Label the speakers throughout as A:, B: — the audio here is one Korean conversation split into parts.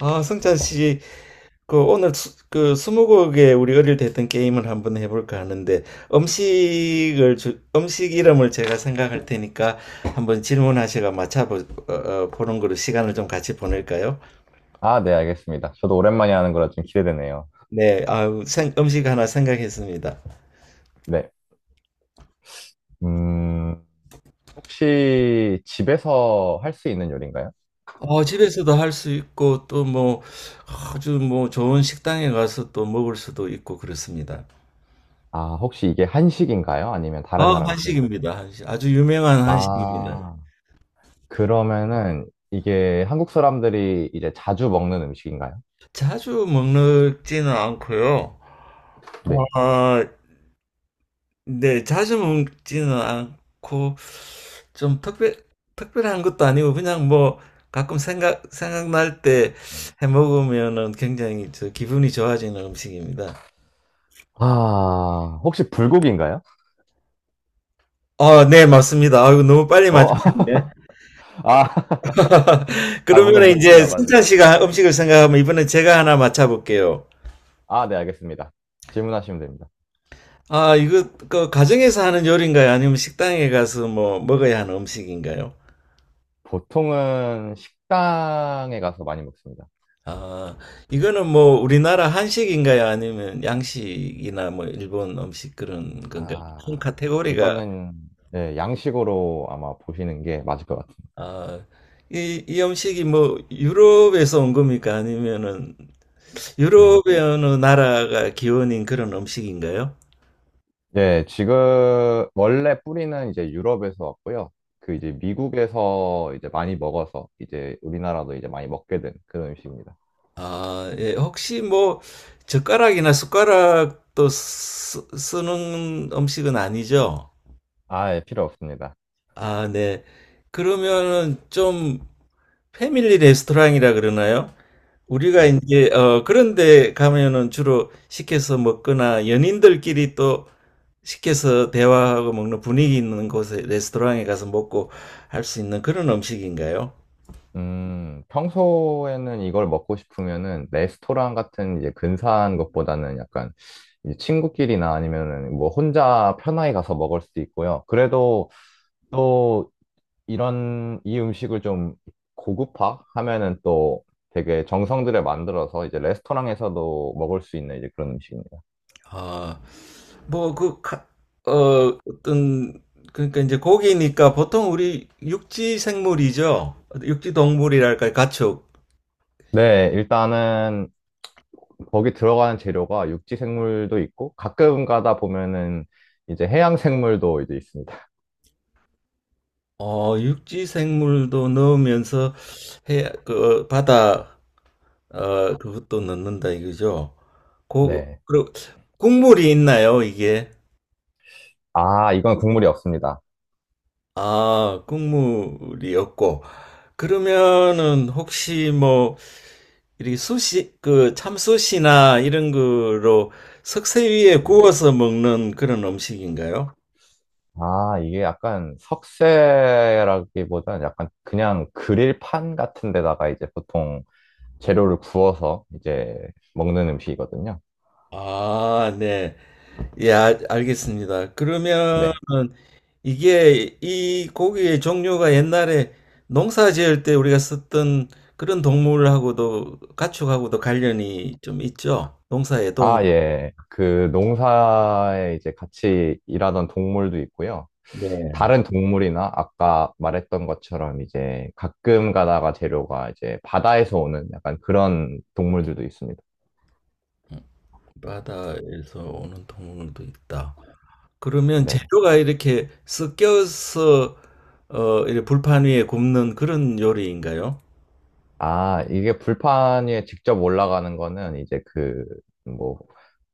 A: 아, 승찬 씨, 그 오늘 그 스무고개 우리 어릴 때 했던 게임을 한번 해볼까 하는데 음식 이름을 제가 생각할 테니까 한번 질문하시고 보는 거로 시간을 좀 같이 보낼까요?
B: 아, 네, 알겠습니다. 저도 오랜만에 하는 거라 좀 기대되네요.
A: 네, 음식 하나 생각했습니다.
B: 네. 음, 혹시 집에서 할 수 있는 요리인가요?
A: 집에서도 할 수 있고 또 뭐 아주 뭐 좋은 식당에 가서 또 먹을 수도 있고 그렇습니다.
B: 아, 혹시 이게 한식인가요? 아니면 다른
A: 아,
B: 나라 음식인가요?
A: 한식입니다. 한식. 아주 유명한 한식입니다.
B: 아, 그러면은 이게 한국 사람들이 이제 자주 먹는 음식인가요?
A: 자주 먹지는 않고요.
B: 네.
A: 어, 네, 자주 먹지는 않고 좀 특별한 것도 아니고 그냥 뭐 가끔 생각날 때 해 먹으면은 굉장히 저 기분이 좋아지는 음식입니다.
B: 아, 혹시 불고기인가요?
A: 어 네, 맞습니다. 아이고 너무 빨리
B: 어?
A: 맞추셨네.
B: 아, 아, 뭔가
A: 그러면
B: 느낌이
A: 이제 승찬
B: 와가지고. 네.
A: 씨가 음식을 생각하면 이번에 제가 하나 맞춰볼게요.
B: 아, 네, 알겠습니다. 질문하시면 됩니다.
A: 아, 이거 그 가정에서 하는 요리인가요? 아니면 식당에 가서 뭐 먹어야 하는 음식인가요?
B: 보통은 식당에 가서 많이 먹습니다.
A: 아, 이거는 뭐 우리나라 한식인가요? 아니면 양식이나 뭐 일본 음식 그런 건가요? 큰
B: 아,
A: 카테고리가.
B: 이거는 예, 양식으로 아마 보시는 게 맞을 것 같아요.
A: 아, 이 음식이 뭐 유럽에서 온 겁니까? 아니면은
B: 음,
A: 유럽의 어느 나라가 기원인 그런 음식인가요?
B: 예, 지금 원래 뿌리는 이제 유럽에서 왔고요. 그 이제 미국에서 이제 많이 먹어서 이제 우리나라도 이제 많이 먹게 된 그런 음식입니다.
A: 아, 예. 혹시 뭐 젓가락이나 숟가락도 쓰는 음식은 아니죠?
B: 아, 예, 필요 없습니다.
A: 아, 네. 그러면은 좀 패밀리 레스토랑이라 그러나요? 우리가
B: 네.
A: 이제 어 그런 데 가면은 주로 시켜서 먹거나 연인들끼리 또 시켜서 대화하고 먹는 분위기 있는 곳에 레스토랑에 가서 먹고 할 수 있는 그런 음식인가요?
B: 평소에는 이걸 먹고 싶으면은 레스토랑 같은 이제 근사한 것보다는 약간 이제 친구끼리나 아니면은 뭐 혼자 편하게 가서 먹을 수도 있고요. 그래도 또 이런 이 음식을 좀 고급화 하면은 또 되게 정성들여 만들어서 이제 레스토랑에서도 먹을 수 있는 이제 그런 음식입니다.
A: 아, 뭐그 어, 어떤 그러니까 이제 고기니까 보통 우리 육지 생물이죠. 육지 동물이랄까요? 가축.
B: 네, 일단은 거기 들어가는 재료가 육지 생물도 있고 가끔 가다 보면은 이제 해양 생물도 이제 있습니다.
A: 어, 육지 생물도 넣으면서 그 바다 어, 그것도 넣는다 이거죠?
B: 네.
A: 그리고 국물이 있나요, 이게?
B: 아, 이건 국물이 없습니다.
A: 아, 국물이 없고. 그러면은 혹시 뭐, 이렇게 그 참수시나 이런 거로 석쇠 위에
B: 네.
A: 구워서 먹는 그런 음식인가요?
B: 아, 이게 약간 석쇠라기보다는 약간 그냥 그릴판 같은 데다가 이제 보통 재료를 구워서 이제 먹는 음식이거든요.
A: 아, 네. 예, 알겠습니다. 그러면
B: 네.
A: 이게 이 고기의 종류가 옛날에 농사 지을 때 우리가 썼던 그런 동물하고도 가축하고도 관련이 좀 있죠. 농사에 도움이.
B: 아, 예. 그 농사에 이제 같이 일하던 동물도 있고요.
A: 네.
B: 다른 동물이나 아까 말했던 것처럼 이제 가끔 가다가 재료가 이제 바다에서 오는 약간 그런 동물들도 있습니다.
A: 바다에서 오는 동물도 있다. 그러면
B: 네.
A: 재료가 이렇게 섞여서 어, 이렇게 불판 위에 굽는 그런 요리인가요?
B: 아, 이게 불판 위에 직접 올라가는 거는 이제 그, 뭐,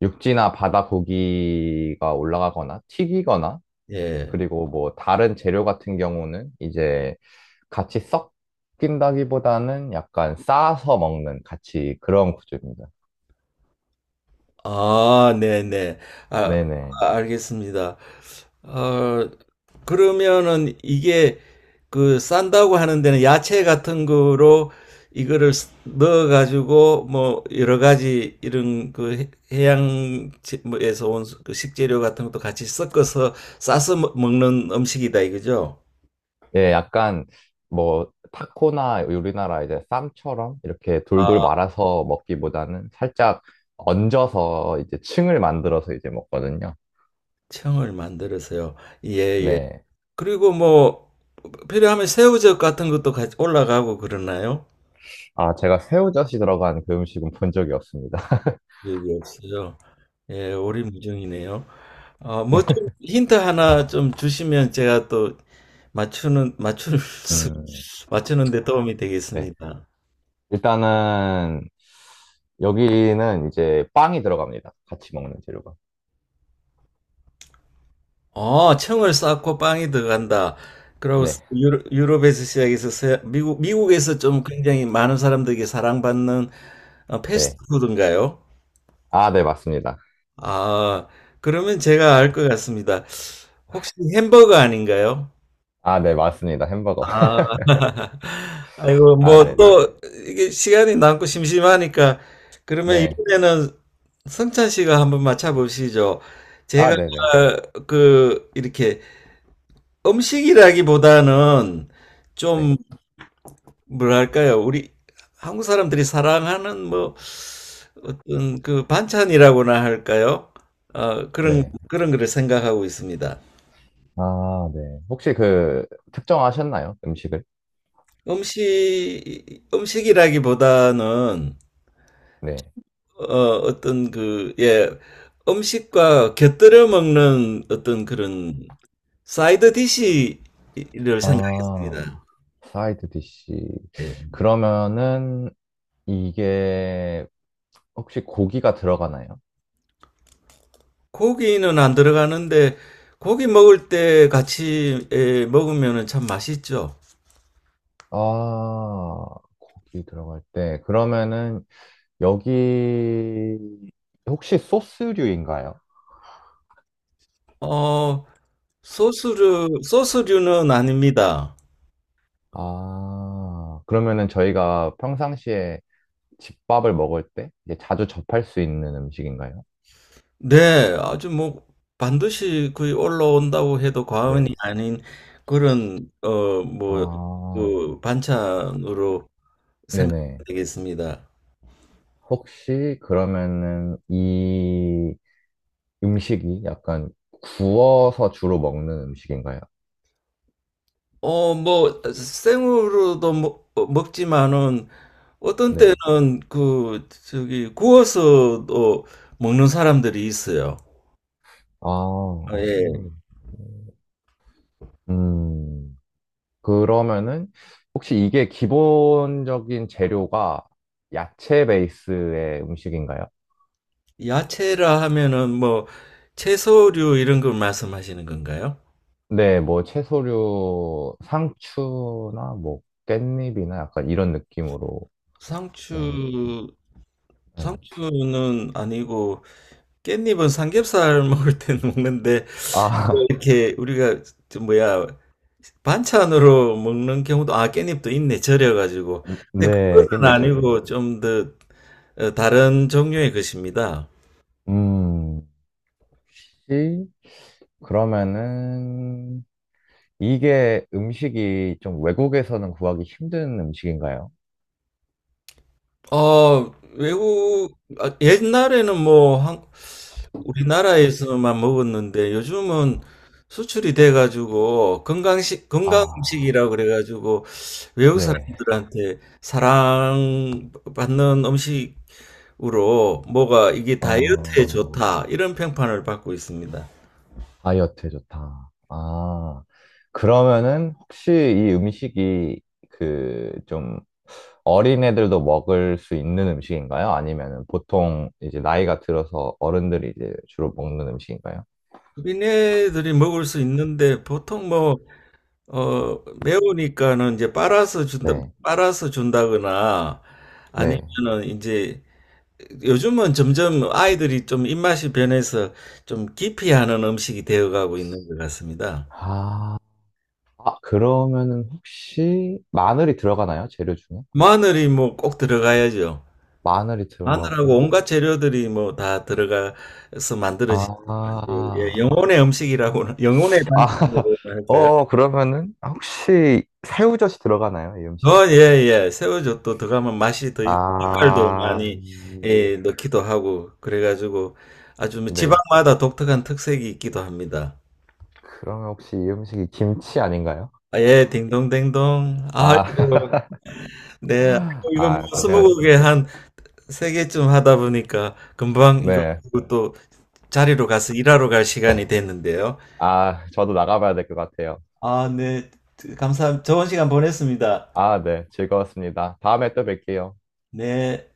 B: 육지나 바다 고기가 올라가거나 튀기거나
A: 예.
B: 그리고 뭐 다른 재료 같은 경우는 이제 같이 섞인다기보다는 약간 싸서 먹는 같이 그런 구조입니다.
A: 아, 네네. 아,
B: 네네.
A: 아, 알겠습니다. 어, 그러면은 이게 그 싼다고 하는 데는 야채 같은 거로 이거를 넣어가지고 뭐 여러 가지 이런 그 양에서 온그 식재료 같은 것도 같이 섞어서 싸서 먹는 음식이다 이거죠?
B: 예, 약간 뭐 타코나 우리나라 이제 쌈처럼 이렇게
A: 아,
B: 돌돌 말아서 먹기보다는 살짝 얹어서 이제 층을 만들어서 이제 먹거든요.
A: 청을 만들어서요. 예, 예.
B: 네.
A: 그리고 뭐 필요하면 새우젓 같은 것도 같이 올라가고 그러나요?
B: 아, 제가 새우젓이 들어간 그 음식은 본 적이 없습니다.
A: 적이 없어요. 예, 오리무중이네요. 어, 뭐 좀 힌트 하나 좀 주시면 제가 또 맞추는 맞출 수,
B: 음,
A: 맞추는데 도움이
B: 네.
A: 되겠습니다.
B: 일단은 여기는 이제 빵이 들어갑니다. 같이 먹는 재료가.
A: 어, 청을 쌓고 빵이 들어간다. 그리고
B: 네.
A: 유럽에서 시작해서 미국에서 좀 굉장히 많은 사람들에게 사랑받는 어,
B: 네.
A: 패스트푸드인가요?
B: 아, 네, 맞습니다.
A: 아, 그러면 제가 알 것 같습니다. 혹시 햄버거 아닌가요?
B: 아, 네, 맞습니다. 햄버거.
A: 아, 아이고,
B: 아,
A: 뭐,
B: 네네.
A: 또, 이게 시간이 남고 심심하니까, 그러면
B: 네.
A: 이번에는 성찬 씨가 한번 맞춰보시죠.
B: 아,
A: 제가,
B: 네네.
A: 그, 이렇게, 음식이라기보다는
B: 네.
A: 좀, 뭐랄까요, 우리 한국 사람들이 사랑하는 뭐, 어떤 그 반찬이라고나 할까요? 어, 그런,
B: 네.
A: 그런 거를 생각하고 있습니다.
B: 아, 네. 혹시 그, 특정하셨나요? 음식을?
A: 음식이라기보다는
B: 네.
A: 어, 어떤 그, 예, 음식과 곁들여 먹는 어떤 그런 사이드 디시를 생각했습니다.
B: 아, 사이드 디시.
A: 예.
B: 그러면은, 이게, 혹시 고기가 들어가나요?
A: 고기는 안 들어가는데 고기 먹을 때 같이 예, 먹으면 참 맛있죠.
B: 아, 고기 들어갈 때. 그러면은, 여기, 혹시 소스류인가요?
A: 어, 소스류는 아닙니다.
B: 아, 그러면은 저희가 평상시에 집밥을 먹을 때 이제 자주 접할 수 있는 음식인가요?
A: 네, 아주 뭐 반드시 거의 올라온다고 해도 과언이
B: 네.
A: 아닌 그런 어, 뭐,
B: 아,
A: 그 반찬으로
B: 네네.
A: 생각되겠습니다.
B: 혹시 그러면은 이 음식이 약간 구워서 주로 먹는 음식인가요?
A: 어, 뭐 생으로도 먹지만은 어떤
B: 네.
A: 때는 그 저기 구워서도 먹는 사람들이 있어요.
B: 아,
A: 아,
B: 아,
A: 예.
B: 생으로. 음, 그러면은 혹시 이게 기본적인 재료가 야채 베이스의 음식인가요?
A: 야채라 하면은 뭐 채소류 이런 걸 말씀하시는 건가요?
B: 네, 뭐 채소류, 상추나 뭐 깻잎이나 약간 이런 느낌으로 먹는 것인가?
A: 상추
B: 네.
A: 상추는 아니고 깻잎은 삼겹살 먹을 때 먹는데
B: 아,
A: 이렇게 우리가 저 뭐야 반찬으로 먹는 경우도 아 깻잎도 있네 절여가지고 근데
B: 네,
A: 그거는
B: 깻잎절임.
A: 아니고 좀더 어, 다른 종류의 것입니다.
B: 음, 혹시 그러면은 이게 음식이 좀 외국에서는 구하기 힘든 음식인가요?
A: 어 외국 아, 옛날에는 뭐 우리나라에서만 먹었는데 요즘은 수출이 돼가지고 건강식 건강
B: 아,
A: 음식이라고 그래가지고 외국
B: 네.
A: 사람들한테 사랑받는 음식으로 뭐가 이게 다이어트에
B: 어,
A: 좋다 이런 평판을 받고 있습니다.
B: 다이어트에 좋다. 아, 그러면은 혹시 이 음식이 그 좀 어린애들도 먹을 수 있는 음식인가요? 아니면 보통 이제 나이가 들어서 어른들이 이제 주로 먹는 음식인가요?
A: 미네들이 먹을 수 있는데 보통 뭐 어, 매우니까는 이제 빨아서 준다
B: 네,
A: 빨아서 준다거나
B: 네.
A: 아니면은 이제 요즘은 점점 아이들이 좀 입맛이 변해서 좀 기피 하는 음식이 되어가고 있는 것 같습니다.
B: 아, 아, 그러면은 혹시 마늘이 들어가나요? 재료 중에?
A: 마늘이 뭐 꼭 들어가야죠.
B: 마늘이
A: 마늘하고
B: 들어가고,
A: 온갖 재료들이 뭐 다 들어가서
B: 아,
A: 만들어진 예,
B: 아,
A: 영혼의 음식이라고는 영혼의 반찬이라고 할까요?
B: 어, 그러면은 혹시 새우젓이 들어가나요? 이 음식에?
A: 어, 예, 예. 새우젓도 들어가면 맛이 더 있고, 색깔도
B: 아,
A: 많이, 예, 넣기도 하고, 그래가지고, 아주 뭐
B: 네.
A: 지방마다 독특한 특색이 있기도 합니다.
B: 그러면 혹시 이 음식이 김치 아닌가요?
A: 아, 예, 딩동댕동.
B: 아,
A: 아이고, 네. 아이고, 이거 뭐,
B: 아,
A: 스무 곡에
B: 고생하셨습니다.
A: 한 세 개쯤 하다 보니까, 금방 이거
B: 네.
A: 듣고 또 자리로 가서 일하러 갈 시간이 됐는데요.
B: 아, 저도 나가봐야 될 것 같아요.
A: 아, 네. 감사합니다. 좋은 시간 보냈습니다.
B: 아, 네. 즐거웠습니다. 다음에 또 뵐게요.
A: 네.